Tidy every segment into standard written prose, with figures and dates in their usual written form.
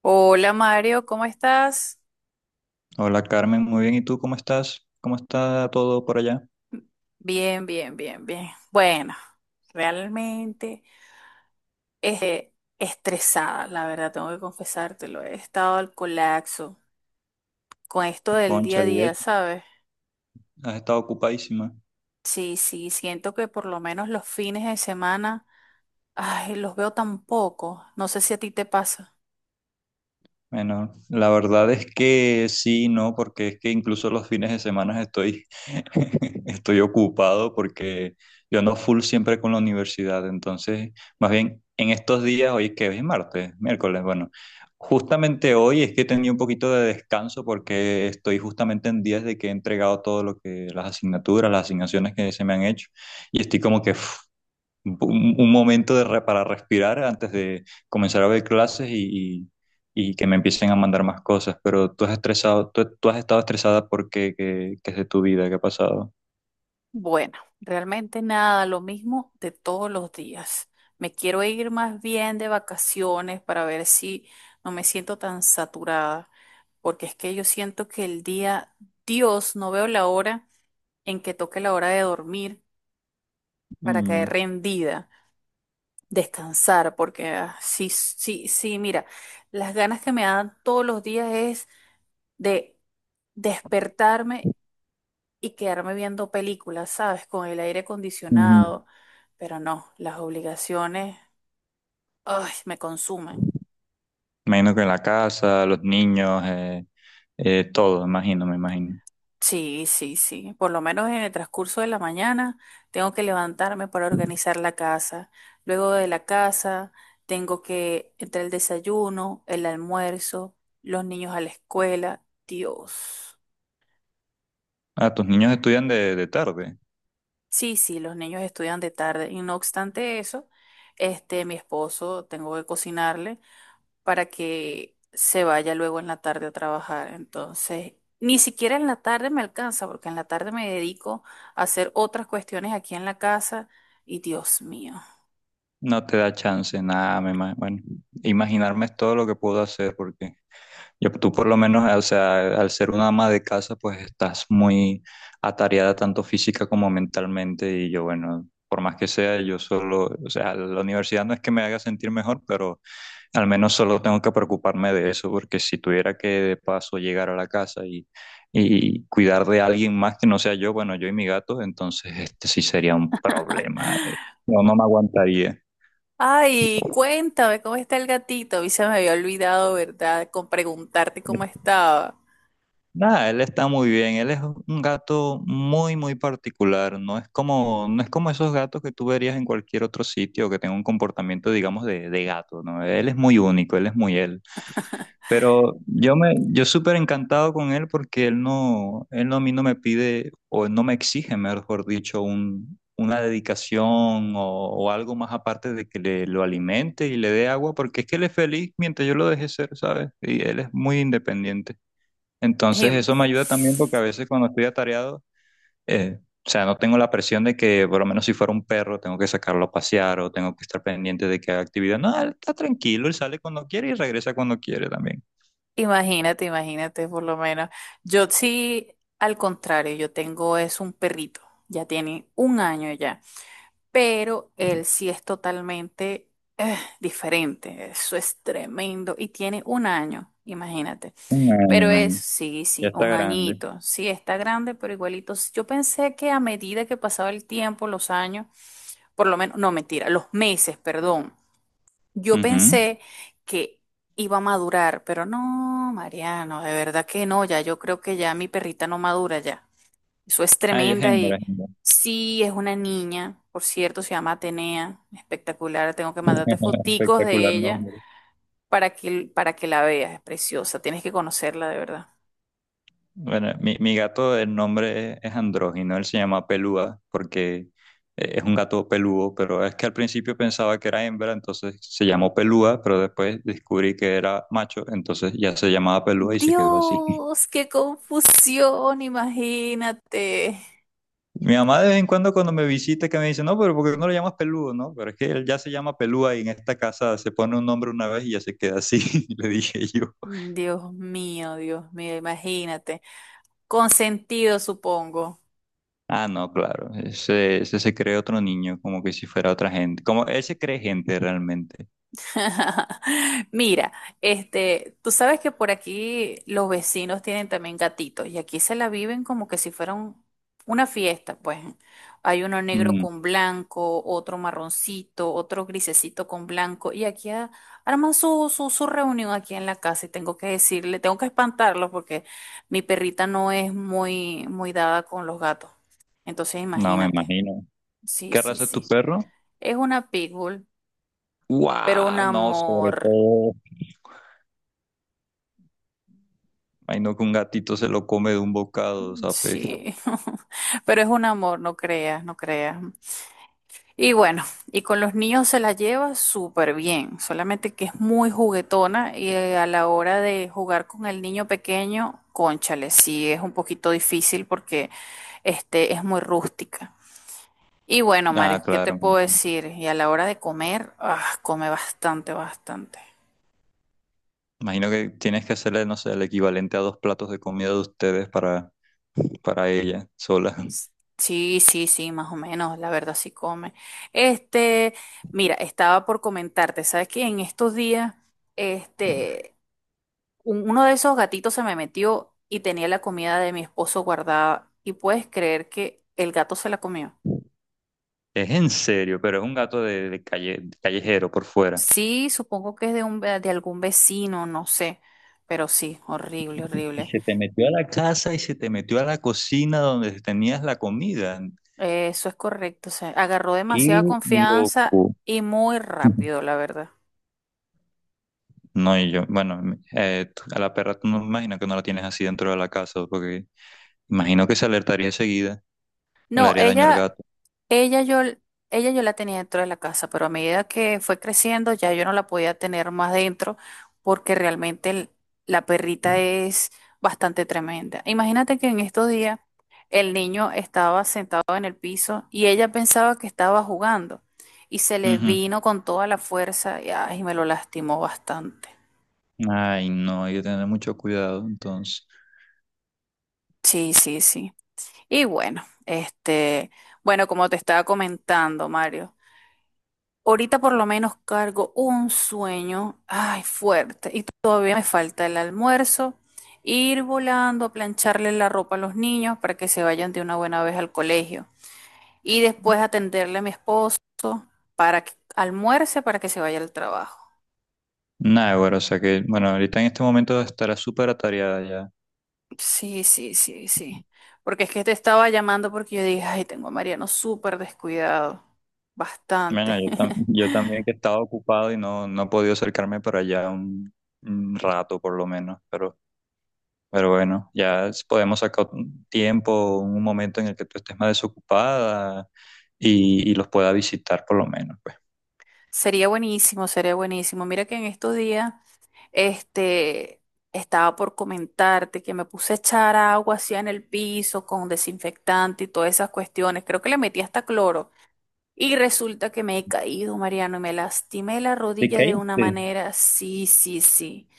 Hola Mario, ¿cómo estás? Hola Carmen, muy bien. ¿Y tú cómo estás? ¿Cómo está todo por allá? Bien, bien, bien, bien. Bueno, realmente eh, estresada, la verdad, tengo que confesártelo. He estado al colapso con esto del Concha, día a y día, eso, ¿sabes? has estado ocupadísima. Sí, sí, siento que por lo menos los fines de semana, ay, los veo tan poco. No sé si a ti te pasa. Bueno, la verdad es que sí, no, porque es que incluso los fines de semana estoy, estoy ocupado porque yo ando full siempre con la universidad. Entonces, más bien en estos días, hoy que es martes, miércoles, bueno, justamente hoy es que he tenido un poquito de descanso porque estoy justamente en días de que he entregado todo lo que las asignaturas, las asignaciones que se me han hecho y estoy como que... uf, un momento de para respirar antes de comenzar a ver clases y que me empiecen a mandar más cosas. Pero tú has estresado, tú has estado estresada porque qué, qué es de tu vida, qué ha pasado. Bueno, realmente nada, lo mismo de todos los días. Me quiero ir más bien de vacaciones para ver si no me siento tan saturada, porque es que yo siento que el día, Dios, no veo la hora en que toque la hora de dormir para caer Mm. rendida, descansar, porque ah, sí, sí, sí, mira, las ganas que me dan todos los días es de despertarme y quedarme viendo películas, ¿sabes? Con el aire Mm, acondicionado, pero no, las obligaciones, ay, me consumen. imagino que en la casa, los niños, todo, imagino, me imagino. Sí, sí, sí. Por lo menos en el transcurso de la mañana tengo que levantarme para organizar la casa. Luego de la casa tengo que entre el desayuno, el almuerzo, los niños a la escuela. Dios. Ah, tus niños estudian de tarde. Sí, sí, los niños estudian de tarde y no obstante eso, este, mi esposo tengo que cocinarle, para que se vaya luego en la tarde a trabajar. Entonces, ni siquiera en la tarde me alcanza, porque en la tarde me dedico a hacer otras cuestiones aquí en la casa y Dios mío. No te da chance, nada, bueno, imaginarme es todo lo que puedo hacer porque yo, tú por lo menos, o sea, al ser una ama de casa, pues estás muy atareada tanto física como mentalmente y yo, bueno, por más que sea, yo solo, o sea, la universidad no es que me haga sentir mejor, pero al menos solo tengo que preocuparme de eso, porque si tuviera que de paso llegar a la casa y cuidar de alguien más que no sea yo, bueno, yo y mi gato, entonces este sí sería un problema. No, no me aguantaría. Ay, cuéntame cómo está el gatito. A mí se me había olvidado, ¿verdad? Con preguntarte cómo estaba. Nada, él está muy bien. Él es un gato muy particular. No es como, no es como esos gatos que tú verías en cualquier otro sitio que tenga un comportamiento, digamos, de gato, ¿no? Él es muy único, él es muy él. Pero yo súper encantado con él porque él no a mí no me pide, o él no me exige, mejor dicho, una dedicación o algo más aparte de que le, lo alimente y le dé agua, porque es que él es feliz mientras yo lo deje ser, ¿sabes? Y él es muy independiente. Entonces Im- eso me ayuda también porque a veces cuando estoy atareado, eh, o sea, no tengo la presión de que por lo menos si fuera un perro tengo que sacarlo a pasear o tengo que estar pendiente de que haga actividad. No, él está tranquilo, él sale cuando quiere y regresa cuando quiere también. Imagínate, imagínate, por lo menos. Yo sí, al contrario, yo tengo es un perrito. Ya tiene un año ya, pero él sí es totalmente diferente. Eso es tremendo. Y tiene un año, imagínate. Un año, Pero un es, año. sí, Ya sí, está un grande. añito. Sí, está grande, pero igualito. Yo pensé que a medida que pasaba el tiempo, los años, por lo menos, no, mentira, los meses, perdón. Yo Ujú. pensé que iba a madurar, pero no, Mariano, de verdad que no, ya yo creo que ya mi perrita no madura ya. Eso es Ah, ella es tremenda hembra, y es hembra. sí, es una niña, por cierto, se llama Atenea, espectacular, tengo que mandarte foticos Espectacular de ella nombre. Para que la veas, es preciosa, tienes que conocerla de verdad. Bueno, mi gato, el nombre es andrógino, él se llama Pelúa porque es un gato peludo, pero es que al principio pensaba que era hembra, entonces se llamó Pelúa, pero después descubrí que era macho, entonces ya se llamaba Pelúa y se quedó así. Dios, qué confusión, imagínate. Mi mamá de vez en cuando cuando me visita que me dice, no, pero ¿por qué no lo llamas peludo? No, pero es que él ya se llama Pelúa y en esta casa se pone un nombre una vez y ya se queda así, le dije yo. Dios mío, imagínate. Consentido, supongo. Ah, no, claro, ese se cree otro niño, como que si fuera otra gente, como él se cree gente realmente. Mira, este, tú sabes que por aquí los vecinos tienen también gatitos y aquí se la viven como que si fuera una fiesta, pues. Hay uno negro Mm. con blanco, otro marroncito, otro grisecito con blanco y aquí arman su reunión aquí en la casa y tengo que decirle, tengo que espantarlos porque mi perrita no es muy, muy dada con los gatos. Entonces No me imagínate. imagino. Sí, ¿Qué sí, raza es tu sí. perro? Es una pitbull, pero un ¡Guau! No, sobre amor. todo. Imagino que un gatito se lo come de un bocado, ¿sabes? Sí, pero es un amor, no creas, no creas. Y bueno, y con los niños se la lleva súper bien, solamente que es muy juguetona y a la hora de jugar con el niño pequeño, cónchale, sí es un poquito difícil porque este es muy rústica. Y bueno, Ah, Mario, ¿qué te claro. puedo decir? Y a la hora de comer, ah, come bastante, bastante. Imagino que tienes que hacerle, no sé, el equivalente a dos platos de comida de ustedes para ella sola. Sí, sí, sí, más o menos, la verdad sí come. Este, mira, estaba por comentarte, ¿sabes qué? En estos días, este, uno de esos gatitos se me metió y tenía la comida de mi esposo guardada y puedes creer que el gato se la comió. Es en serio, pero es un gato de calle, callejero por fuera. Sí, supongo que es de de algún vecino, no sé, pero sí, horrible, Y horrible. se te metió a la casa y se te metió a la cocina donde tenías la comida. Eso es correcto. Se agarró demasiada ¡Qué confianza loco! y muy rápido, la verdad. No, y yo, bueno, a la perra tú no me imagino que no la tienes así dentro de la casa, porque imagino que se alertaría enseguida o le No, haría daño al ella. gato. Ella yo, ella yo la tenía dentro de la casa, pero a medida que fue creciendo ya yo no la podía tener más dentro porque realmente la perrita es bastante tremenda. Imagínate que en estos días el niño estaba sentado en el piso y ella pensaba que estaba jugando y se le Ujú. vino con toda la fuerza y, ay, me lo lastimó bastante. Ay, no, hay que tener mucho cuidado, entonces. Sí, sí, sí. Y bueno, este, bueno, como te estaba comentando, Mario. Ahorita por lo menos cargo un sueño, ay, fuerte, y todavía me falta el almuerzo, ir volando a plancharle la ropa a los niños para que se vayan de una buena vez al colegio y después atenderle a mi esposo para que almuerce para que se vaya al trabajo. Nada, güey, o sea que, bueno, ahorita en este momento estará súper atareada ya. Sí, sí, sí, sí. Porque es que te estaba llamando porque yo dije, ay, tengo a Mariano súper descuidado, Bueno, bastante. Yo también que estaba ocupado y no, no he podido acercarme para allá un rato por lo menos, pero bueno, podemos sacar un tiempo, un momento en el que tú estés más desocupada y los pueda visitar por lo menos, pues. Sería buenísimo, sería buenísimo. Mira que en estos días, este, estaba por comentarte que me puse a echar agua así en el piso con desinfectante y todas esas cuestiones. Creo que le metí hasta cloro. Y resulta que me he caído, Mariano, y me lastimé la ¿Te rodilla de una caíste? manera. Sí, sí, sí.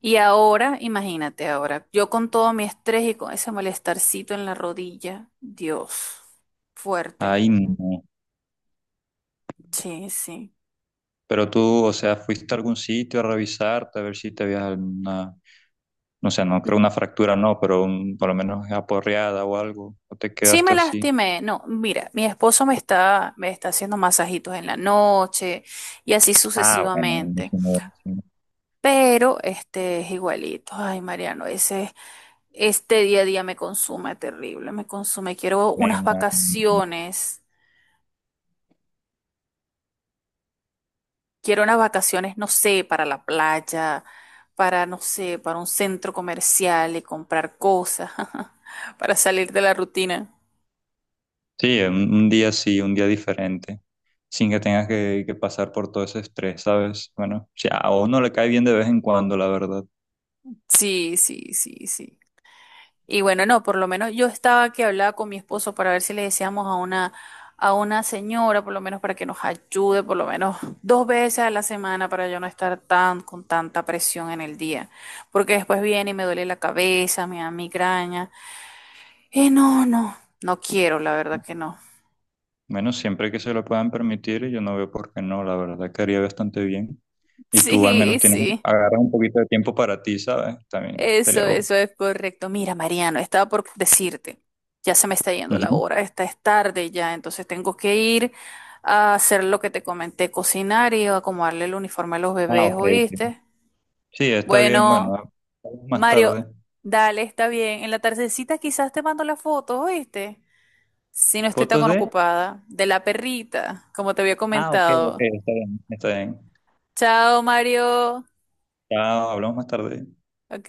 Y ahora, imagínate ahora, yo con todo mi estrés y con ese molestarcito en la rodilla. Dios, fuerte. Ay, no. Sí, sí. Pero tú, o sea, fuiste a algún sitio a revisarte, a ver si te habías alguna, no sé, no creo una fractura, no, pero por lo menos aporreada o algo, o te Sí quedaste me así. lastimé. No, mira, mi esposo me está haciendo masajitos en la noche y así Ah, bueno, sucesivamente. buenísimo, buenísimo. Pero este es igualito. Ay, Mariano, ese, este día a día me consume terrible, me consume. Quiero unas vacaciones. Quiero unas vacaciones, no sé, para la playa, para, no sé, para un centro comercial y comprar cosas, para salir de la rutina. Sí, un día sí, un día diferente, sin que tengas que pasar por todo ese estrés, ¿sabes? Bueno, si a uno le cae bien de vez en cuando, la verdad. Sí, sí, sí, sí. Y bueno, no, por lo menos yo estaba que hablaba con mi esposo para ver si le decíamos a a una señora, por lo menos para que nos ayude, por lo menos dos veces a la semana para yo no estar tan con tanta presión en el día. Porque después viene y me duele la cabeza, me da migraña. No, no, no quiero, la verdad que no. Bueno, siempre que se lo puedan permitir, yo no veo por qué no, la verdad, que haría bastante bien. Y tú al Sí, menos tienes, sí. agarras un poquito de tiempo para ti, ¿sabes? También Eso, sería bueno. eso es correcto. Mira, Mariano, estaba por decirte, ya se me está yendo la Ujú. hora, esta es tarde ya, entonces tengo que ir a hacer lo que te comenté, cocinar y acomodarle el uniforme a los Ah, bebés, ok, ok. ¿oíste? Sí, está bien, bueno, Bueno, ah, hablamos más Mario, tarde. dale, está bien. En la tardecita quizás te mando la foto, ¿oíste? Si no estoy tan ¿Fotos de? ocupada, de la perrita, como te había Ah, ok, ok, comentado. está bien. Está bien. Chao, Mario. Chao, hablamos más tarde. Ok.